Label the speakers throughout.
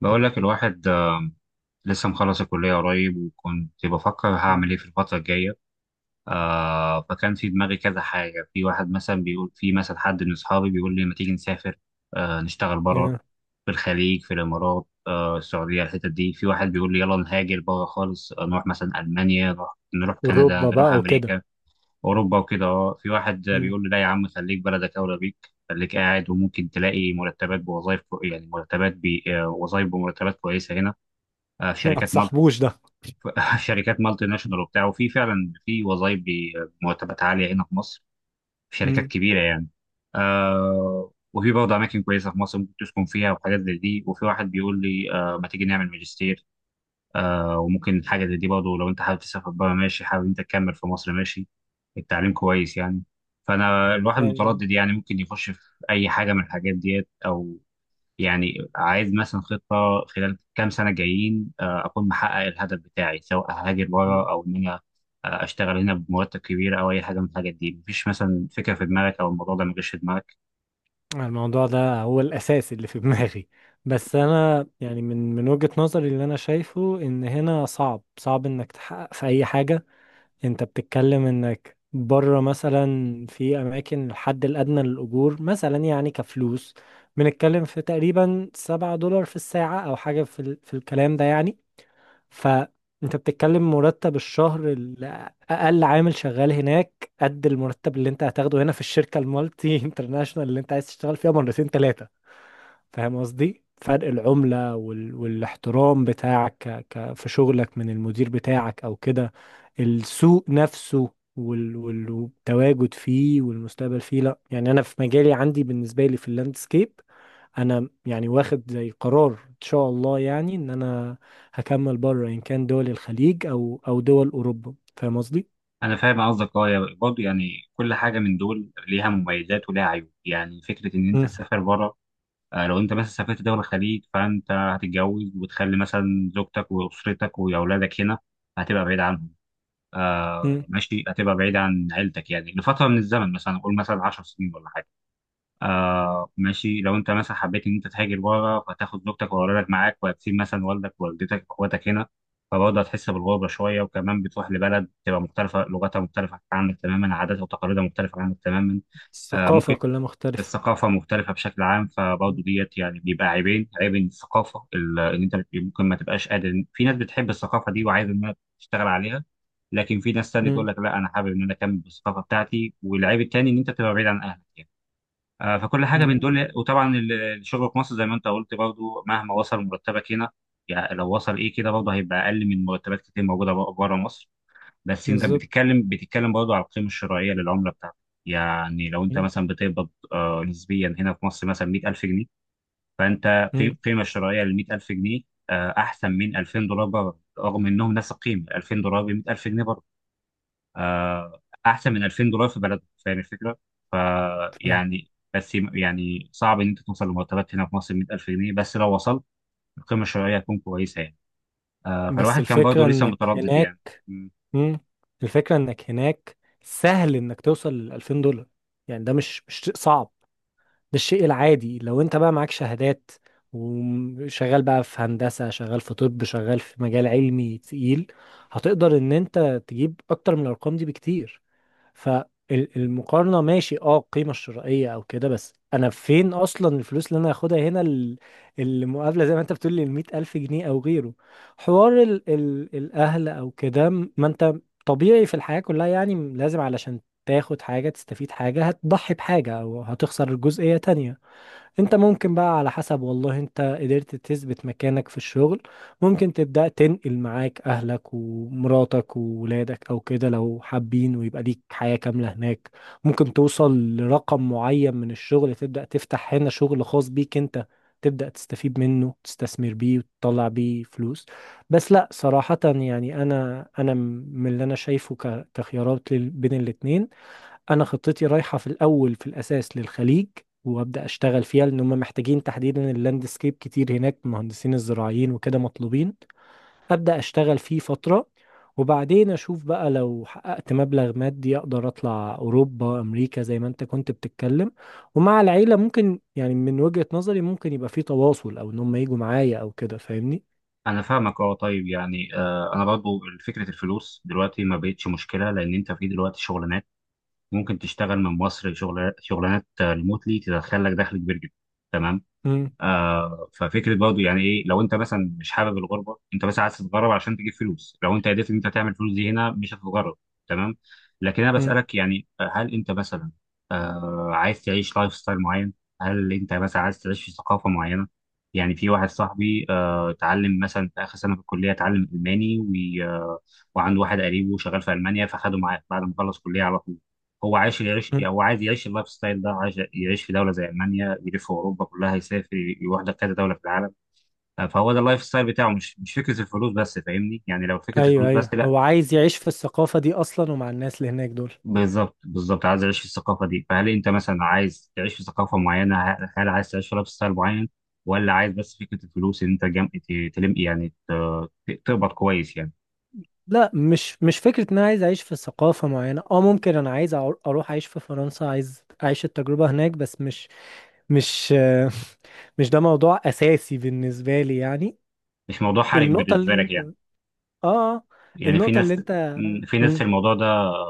Speaker 1: بقول لك الواحد لسه مخلص الكلية قريب وكنت بفكر
Speaker 2: مم.
Speaker 1: هعمل ايه في الفترة الجاية. فكان في دماغي كذا حاجة، في واحد مثلا بيقول، في مثلا حد من أصحابي بيقول لي ما تيجي نسافر، نشتغل بره
Speaker 2: آه.
Speaker 1: في الخليج في الإمارات، السعودية الحتت دي. في واحد بيقول لي يلا نهاجر بره خالص، نروح مثلا ألمانيا، نروح كندا،
Speaker 2: والركبة
Speaker 1: نروح
Speaker 2: بقى وكده.
Speaker 1: أمريكا أوروبا وكده. في واحد
Speaker 2: مم.
Speaker 1: بيقول لي لا يا عم خليك بلدك أولى بيك، خليك قاعد وممكن تلاقي مرتبات بوظائف، يعني مرتبات بي... آه، وظائف بمرتبات كويسة هنا. في
Speaker 2: ما
Speaker 1: شركات
Speaker 2: تصاحبوش ده.
Speaker 1: في شركات مالتي ناشونال وبتاع، وفي فعلا في وظائف بمرتبات عاليه هنا في مصر، في شركات
Speaker 2: مم.
Speaker 1: كبيره يعني. آه وفي برضه اماكن كويسه في مصر ممكن تسكن فيها وحاجات زي دي. وفي واحد بيقول لي آه ما تيجي نعمل ماجستير، آه وممكن حاجه زي دي برضه. لو انت حابب تسافر بره ماشي، حابب انت تكمل في مصر ماشي، التعليم كويس يعني. فانا الواحد
Speaker 2: يعني.
Speaker 1: متردد يعني، ممكن يخش في اي حاجه من الحاجات ديت او يعني عايز مثلا خطة خلال كام سنة جايين أكون محقق الهدف بتاعي سواء هاجر
Speaker 2: مم.
Speaker 1: بره أو إن أنا أشتغل هنا بمرتب كبير أو أي حاجة من الحاجات دي. مفيش مثلا فكرة في دماغك أو الموضوع ده مجاش في دماغك؟
Speaker 2: الموضوع ده هو الأساس اللي في دماغي. بس أنا يعني من وجهة نظري اللي أنا شايفه إن هنا صعب صعب إنك تحقق في أي حاجة. أنت بتتكلم إنك بره مثلا في أماكن الحد الأدنى للأجور مثلا، يعني كفلوس بنتكلم في تقريبا 7 دولار في الساعة أو حاجة في الكلام ده يعني. فانت بتتكلم مرتب الشهر، اقل عامل شغال هناك، قد المرتب اللي انت هتاخده هنا في الشركه المالتي انترناشونال اللي انت عايز تشتغل فيها مرتين ثلاثه. فاهم قصدي؟ فرق العمله والاحترام بتاعك في شغلك من المدير بتاعك او كده. السوق نفسه والتواجد فيه والمستقبل فيه. لا، يعني انا في مجالي عندي بالنسبه لي في اللاندسكيب، انا يعني واخد زي قرار ان شاء الله، يعني ان انا هكمل بره، ان كان دول الخليج او دول اوروبا. فاهم قصدي؟
Speaker 1: أنا فاهم قصدك. أه برضه يعني كل حاجة من دول ليها مميزات وليها عيوب. يعني فكرة إن أنت
Speaker 2: مم.
Speaker 1: تسافر بره، لو أنت مثلا سافرت دولة الخليج فأنت هتتجوز وتخلي مثلا زوجتك وأسرتك وأولادك هنا، هتبقى بعيد عنهم. آه
Speaker 2: مم.
Speaker 1: ماشي، هتبقى بعيد عن عيلتك يعني لفتره من الزمن، مثلا قول مثلا 10 سنين ولا حاجه. آه ماشي، لو انت مثلا حبيت ان انت تهاجر بره فتاخد زوجتك واولادك معاك وهتسيب مثلا والدك ووالدتك واخواتك هنا، فبرضه هتحس بالغربه شويه، وكمان بتروح لبلد تبقى مختلفه، لغتها مختلفه عنك تماما، عاداتها وتقاليدها مختلفه عنك تماما. آه
Speaker 2: الثقافه
Speaker 1: ممكن
Speaker 2: كلها مختلفه.
Speaker 1: الثقافة مختلفة بشكل عام، فبرضه
Speaker 2: مم.
Speaker 1: ديت يعني بيبقى عيبين: عيب الثقافة إن أنت ممكن ما تبقاش قادر في ناس بتحب الثقافة دي وعايز إنها تشتغل عليها، لكن في ناس تانية تقول
Speaker 2: مم.
Speaker 1: لك لا أنا حابب إن أنا أكمل بالثقافة بتاعتي. والعيب التاني إن أنت تبقى بعيد عن أهلك يعني. فكل حاجة من
Speaker 2: لا،
Speaker 1: دول. وطبعا الشغل في مصر زي ما أنت قلت برضه مهما وصل مرتبك هنا، يعني لو وصل إيه كده، برضه هيبقى أقل من مرتبات كتير موجودة بره مصر. بس انت
Speaker 2: بالظبط.
Speaker 1: بتتكلم برضه على القيمه الشرائيه للعمله بتاعتك. يعني لو انت
Speaker 2: مم.
Speaker 1: مثلا بتقبض نسبيا هنا في مصر مثلا 100,000 جنيه، فانت
Speaker 2: مم.
Speaker 1: قيمه شرائيه لل 100,000 جنيه احسن من 2,000 دولار بره، رغم انهم نفس القيمه. 2,000 دولار ب 100,000 جنيه بره احسن من 2,000 دولار في بلدهم. فاهم الفكره؟
Speaker 2: فاهم.
Speaker 1: فيعني بس يعني صعب ان انت توصل لمرتبات هنا في مصر 100,000 جنيه، بس لو وصلت القيمه الشرائيه هتكون كويسه يعني.
Speaker 2: بس
Speaker 1: فالواحد كان برضه
Speaker 2: الفكره
Speaker 1: لسه
Speaker 2: انك
Speaker 1: متردد يعني.
Speaker 2: هناك. مم. الفكره انك هناك، سهل انك توصل ل 2000 دولار. يعني ده مش شيء صعب. الشيء العادي لو انت بقى معاك شهادات، وشغال بقى في هندسة، شغال في طب، شغال في مجال علمي تقيل، هتقدر ان انت تجيب اكتر من الارقام دي بكتير. فالمقارنة ماشي، اه، القيمة الشرائية او كده، بس انا فين اصلا الفلوس اللي انا هاخدها هنا؟ المقابلة زي ما انت بتقول لي 100,000 جنيه او غيره. حوار ال ال الاهل او كده. ما انت طبيعي في الحياة كلها، يعني لازم علشان تاخد حاجة تستفيد حاجة هتضحي بحاجة او هتخسر جزئية تانية. انت ممكن بقى على حسب، والله انت قدرت تثبت مكانك في الشغل، ممكن تبدأ تنقل معاك اهلك ومراتك وولادك او كده لو حابين، ويبقى ليك حياة كاملة هناك. ممكن توصل لرقم معين من الشغل، تبدأ تفتح هنا شغل خاص بيك انت، تبدأ تستفيد منه، تستثمر بيه وتطلع بيه فلوس. بس لا صراحة، يعني انا من اللي انا شايفه كخيارات بين الاتنين، انا خطتي رايحه في الاول، في الاساس للخليج، وابدا اشتغل فيها، لان هم محتاجين تحديدا اللاندسكيب كتير هناك، مهندسين الزراعيين وكده مطلوبين. ابدا اشتغل فيه فتره، وبعدين اشوف بقى لو حققت مبلغ مادي اقدر اطلع اوروبا، امريكا، زي ما انت كنت بتتكلم. ومع العيله ممكن، يعني من وجهة نظري ممكن يبقى في تواصل، او ان هم يجوا معايا او كده. فاهمني؟
Speaker 1: انا فاهمك، اه طيب. يعني انا برضو فكره الفلوس دلوقتي ما بقتش مشكله، لان انت في دلوقتي شغلانات ممكن تشتغل من مصر شغل، شغلانات ريموتلي تدخل لك دخل كبير جدا، تمام.
Speaker 2: امم.
Speaker 1: آه ففكره برضه يعني ايه؟ لو انت مثلا مش حابب الغربه، انت بس عايز تتغرب عشان تجيب فلوس، لو انت قدرت ان انت تعمل فلوس دي هنا مش هتتغرب، تمام. لكن انا
Speaker 2: امم.
Speaker 1: بسالك يعني، هل انت مثلا عايز تعيش لايف ستايل معين؟ هل انت مثلا عايز تعيش في ثقافه معينه؟ يعني في واحد صاحبي آه اتعلم مثلا في اخر سنه في الكليه، اتعلم الماني، وعنده واحد قريبه شغال في المانيا فخده معاه بعد ما خلص كليه على طول. هو عايش يعيش يعني، هو عايز يعيش اللايف ستايل ده، عايش يعيش في دوله زي المانيا، يلف اوروبا كلها، يسافر يروح لكذا دوله في العالم. فهو ده اللايف ستايل بتاعه، مش فكره الفلوس بس، فاهمني يعني؟ لو فكره
Speaker 2: ايوه،
Speaker 1: الفلوس
Speaker 2: ايوه،
Speaker 1: بس، لا.
Speaker 2: هو عايز يعيش في الثقافه دي اصلا، ومع الناس اللي هناك دول.
Speaker 1: بالظبط بالظبط، عايز اعيش في الثقافه دي. فهل انت مثلا عايز تعيش في ثقافه معينه؟ هل عايز تعيش في لايف ستايل معين؟ ولا عايز بس فكره الفلوس ان انت تلم يعني تقبض كويس يعني؟
Speaker 2: لا، مش فكرة ان انا عايز اعيش في ثقافة معينة. اه، ممكن انا عايز اروح اعيش في فرنسا، عايز اعيش التجربة هناك، بس مش مش آه، مش ده موضوع اساسي بالنسبة لي يعني.
Speaker 1: مش موضوع حرج
Speaker 2: النقطة
Speaker 1: بالنسبه
Speaker 2: اللي
Speaker 1: لك
Speaker 2: انت
Speaker 1: يعني.
Speaker 2: اه آه،
Speaker 1: يعني
Speaker 2: النقطة اللي انت
Speaker 1: في
Speaker 2: م-
Speaker 1: ناس الموضوع ده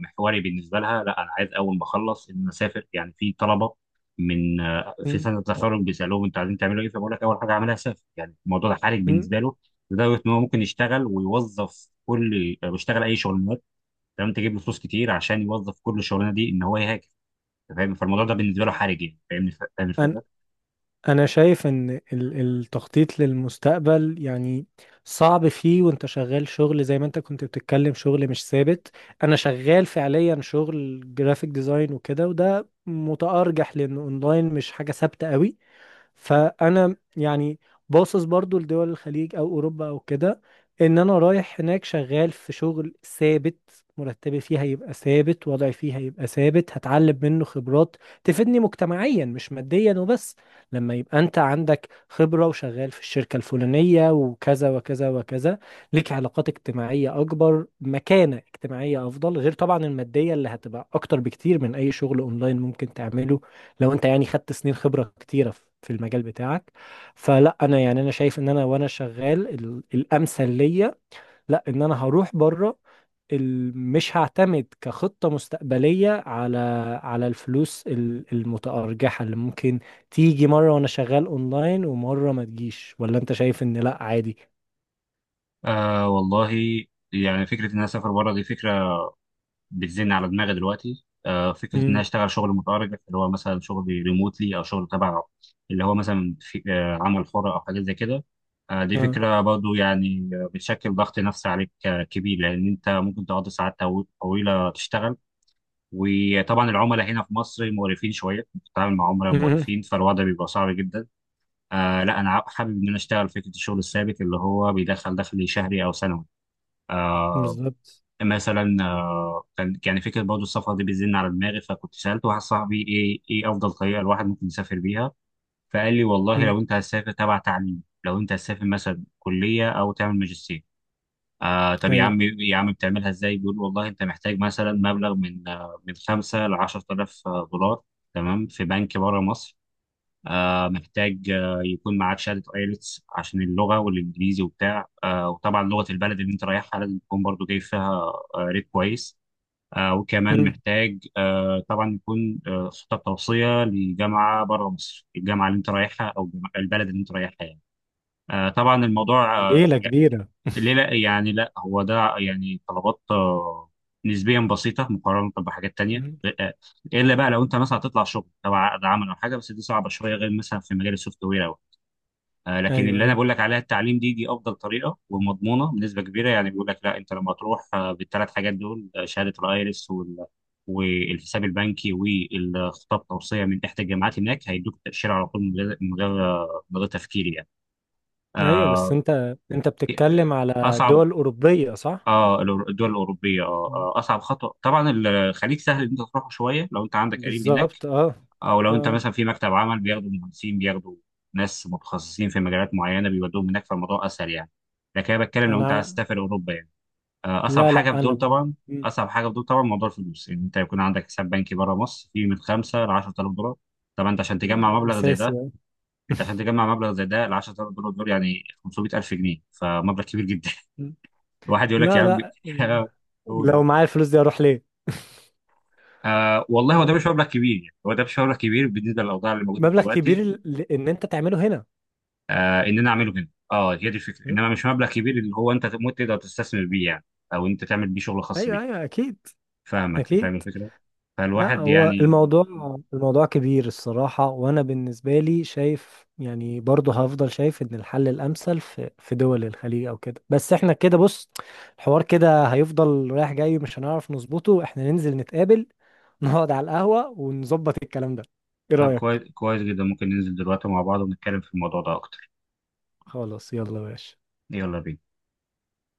Speaker 1: محوري بالنسبه لها. لا انا عايز اول ما اخلص ان أنا اسافر يعني. في طلبه من في
Speaker 2: م-
Speaker 1: سنه تخرج بيسالوهم انتوا عايزين تعملوا ايه، فبقول لك اول حاجه اعملها اسافر. يعني الموضوع ده حرج بالنسبه له، لدرجه ان هو ممكن يشتغل ويوظف كل يشتغل اي شغلانات، تمام، تجيب له فلوس كتير عشان يوظف كل شغلانه دي ان هو يهاجر. أنت فاهم؟ فالموضوع ده بالنسبه له
Speaker 2: م-
Speaker 1: حرج يعني، فاهمني؟ فاهم الفكره؟
Speaker 2: انا شايف ان التخطيط للمستقبل، يعني صعب فيه. وانت شغال شغل، زي ما انت كنت بتتكلم، شغل مش ثابت. انا شغال فعليا شغل جرافيك ديزاين وكده، وده متأرجح لان اونلاين مش حاجة ثابتة قوي. فانا يعني باصص برضو لدول الخليج او اوروبا او كده، ان انا رايح هناك شغال في شغل ثابت، مرتبي فيه هيبقى ثابت، وضعي فيه هيبقى ثابت، هتعلم منه خبرات تفيدني مجتمعيا مش ماديا وبس. لما يبقى انت عندك خبرة وشغال في الشركة الفلانية وكذا وكذا وكذا، ليك علاقات اجتماعية اكبر، مكانة اجتماعية افضل، غير طبعا المادية اللي هتبقى اكتر بكتير من اي شغل اونلاين ممكن تعمله، لو انت يعني خدت سنين خبرة كتيرة في المجال بتاعك. فلا، انا يعني انا شايف ان انا وانا شغال الامثل ليا. لا، ان انا هروح بره، مش هعتمد كخطة مستقبلية على الفلوس المتأرجحة اللي ممكن تيجي مرة وانا شغال اونلاين، ومرة ما تجيش. ولا انت شايف ان لا عادي؟
Speaker 1: آه والله. يعني فكره ان انا اسافر بره دي فكره بتزن على دماغي دلوقتي. فكره ان انا
Speaker 2: امم.
Speaker 1: اشتغل شغل متأرجح اللي هو مثلا شغل ريموتلي او شغل تبع، اللي هو مثلا في عمل حر او حاجات زي كده، دي
Speaker 2: اه.
Speaker 1: فكره برضو يعني، بتشكل ضغط نفسي عليك كبير، لان انت ممكن تقضي ساعات طويله تشتغل. وطبعا العملاء هنا في مصر مقرفين شويه، بتتعامل مع عملاء
Speaker 2: امم.
Speaker 1: مقرفين، فالوضع بيبقى صعب جدا. آه لا انا حابب ان انا اشتغل فكره الشغل الثابت اللي هو بيدخل دخل شهري او سنوي. آه،
Speaker 2: بالظبط.
Speaker 1: مثلا كان يعني فكره برضه السفر دي بتزن على دماغي، فكنت سالت واحد صاحبي ايه افضل طريقه الواحد ممكن يسافر بيها. فقال لي والله
Speaker 2: امم.
Speaker 1: لو انت هتسافر تبع تعليم، لو انت هتسافر مثلا كليه او تعمل ماجستير. آه طب يا
Speaker 2: ايوه.
Speaker 1: عم يا عم بتعملها ازاي؟ بيقول والله انت محتاج مثلا مبلغ من من 5 ل 10,000 دولار، تمام، في بنك بره مصر. آه محتاج يكون معاك شهاده ايلتس عشان اللغه والانجليزي وبتاع. آه وطبعا لغه البلد اللي انت رايحها لازم تكون برضه جايب فيها ريت كويس. وكمان
Speaker 2: امم.
Speaker 1: محتاج طبعا يكون خطة توصية لجامعة بره مصر، الجامعة اللي انت رايحها او البلد اللي انت رايحها يعني. طبعا الموضوع
Speaker 2: ليلة كبيرة.
Speaker 1: ليه لا يعني؟ لا هو ده يعني طلبات نسبيا بسيطة مقارنة بحاجات تانية.
Speaker 2: امم.
Speaker 1: آه، إلا بقى لو أنت مثلا هتطلع شغل تبع عقد عمل أو حاجة، بس دي صعبة شوية، غير مثلا في مجال السوفت وير. لكن
Speaker 2: ايوه،
Speaker 1: اللي انا
Speaker 2: ايوه،
Speaker 1: بقول لك عليها التعليم، دي افضل طريقه ومضمونه بنسبه كبيره يعني. بيقول لك لا انت لما تروح بالثلاث حاجات دول شهاده الايرس وال والحساب البنكي والخطاب توصيه من احدى الجامعات، هناك هيدوك تاشيره على طول، من غير تفكير يعني.
Speaker 2: ايوه، بس
Speaker 1: آه،
Speaker 2: انت بتتكلم على
Speaker 1: اصعب.
Speaker 2: دول اوروبيه، صح؟
Speaker 1: اه الدول الاوروبيه اه
Speaker 2: مم.
Speaker 1: اصعب خطوه. طبعا الخليج سهل ان انت تروحه شويه، لو انت عندك قريب هناك،
Speaker 2: بالظبط. اه،
Speaker 1: او لو انت
Speaker 2: اه،
Speaker 1: مثلا في مكتب عمل بياخدوا مهندسين، بياخدوا ناس متخصصين في مجالات معينه بيودوهم هناك، فالموضوع اسهل يعني. لكن انا بتكلم لو
Speaker 2: انا
Speaker 1: انت
Speaker 2: ع-
Speaker 1: عايز تسافر اوروبا يعني، اصعب
Speaker 2: لا،
Speaker 1: حاجه في
Speaker 2: لا،
Speaker 1: دول طبعا.
Speaker 2: مم.
Speaker 1: اصعب حاجه في دول طبعا موضوع الفلوس، ان انت يكون عندك حساب بنكي بره مصر فيه من 5 ل 10,000 دولار. طبعا انت عشان تجمع
Speaker 2: مم.
Speaker 1: مبلغ زي
Speaker 2: اساسي،
Speaker 1: ده،
Speaker 2: آه.
Speaker 1: ل 10,000 دولار دول يعني 500,000 جنيه، فمبلغ كبير جدا.
Speaker 2: مم.
Speaker 1: الواحد يقول لك يا
Speaker 2: لا،
Speaker 1: عم
Speaker 2: لا. مم.
Speaker 1: قولوا.
Speaker 2: لو معايا الفلوس دي اروح ليه؟
Speaker 1: آه والله هو ده مش
Speaker 2: لا.
Speaker 1: مبلغ كبير يعني، هو ده مش مبلغ كبير بالنسبه للاوضاع اللي موجوده
Speaker 2: مبلغ كبير
Speaker 1: دلوقتي.
Speaker 2: ان انت تعمله هنا.
Speaker 1: آه ان انا اعمله هنا اه، هي دي الفكره،
Speaker 2: مم.
Speaker 1: انما مش مبلغ كبير
Speaker 2: مم.
Speaker 1: اللي هو انت تقدر تستثمر بيه يعني، او انت تعمل بيه شغل خاص
Speaker 2: ايوه،
Speaker 1: بيك.
Speaker 2: ايوه، اكيد،
Speaker 1: فاهمك،
Speaker 2: اكيد.
Speaker 1: فاهم الفكره.
Speaker 2: لا،
Speaker 1: فالواحد
Speaker 2: هو
Speaker 1: يعني.
Speaker 2: الموضوع، الموضوع كبير الصراحة. وأنا بالنسبة لي شايف، يعني برضه هفضل شايف إن الحل الأمثل في دول الخليج أو كده. بس إحنا كده، بص، الحوار كده هيفضل رايح جاي، مش هنعرف نظبطه. إحنا ننزل نتقابل، نقعد على القهوة ونظبط الكلام ده. إيه
Speaker 1: طب كويس
Speaker 2: رأيك؟
Speaker 1: كويس جدا، ممكن ننزل دلوقتي مع بعض ونتكلم في الموضوع ده اكتر.
Speaker 2: خلاص، يلا يا باشا.
Speaker 1: يلا بينا.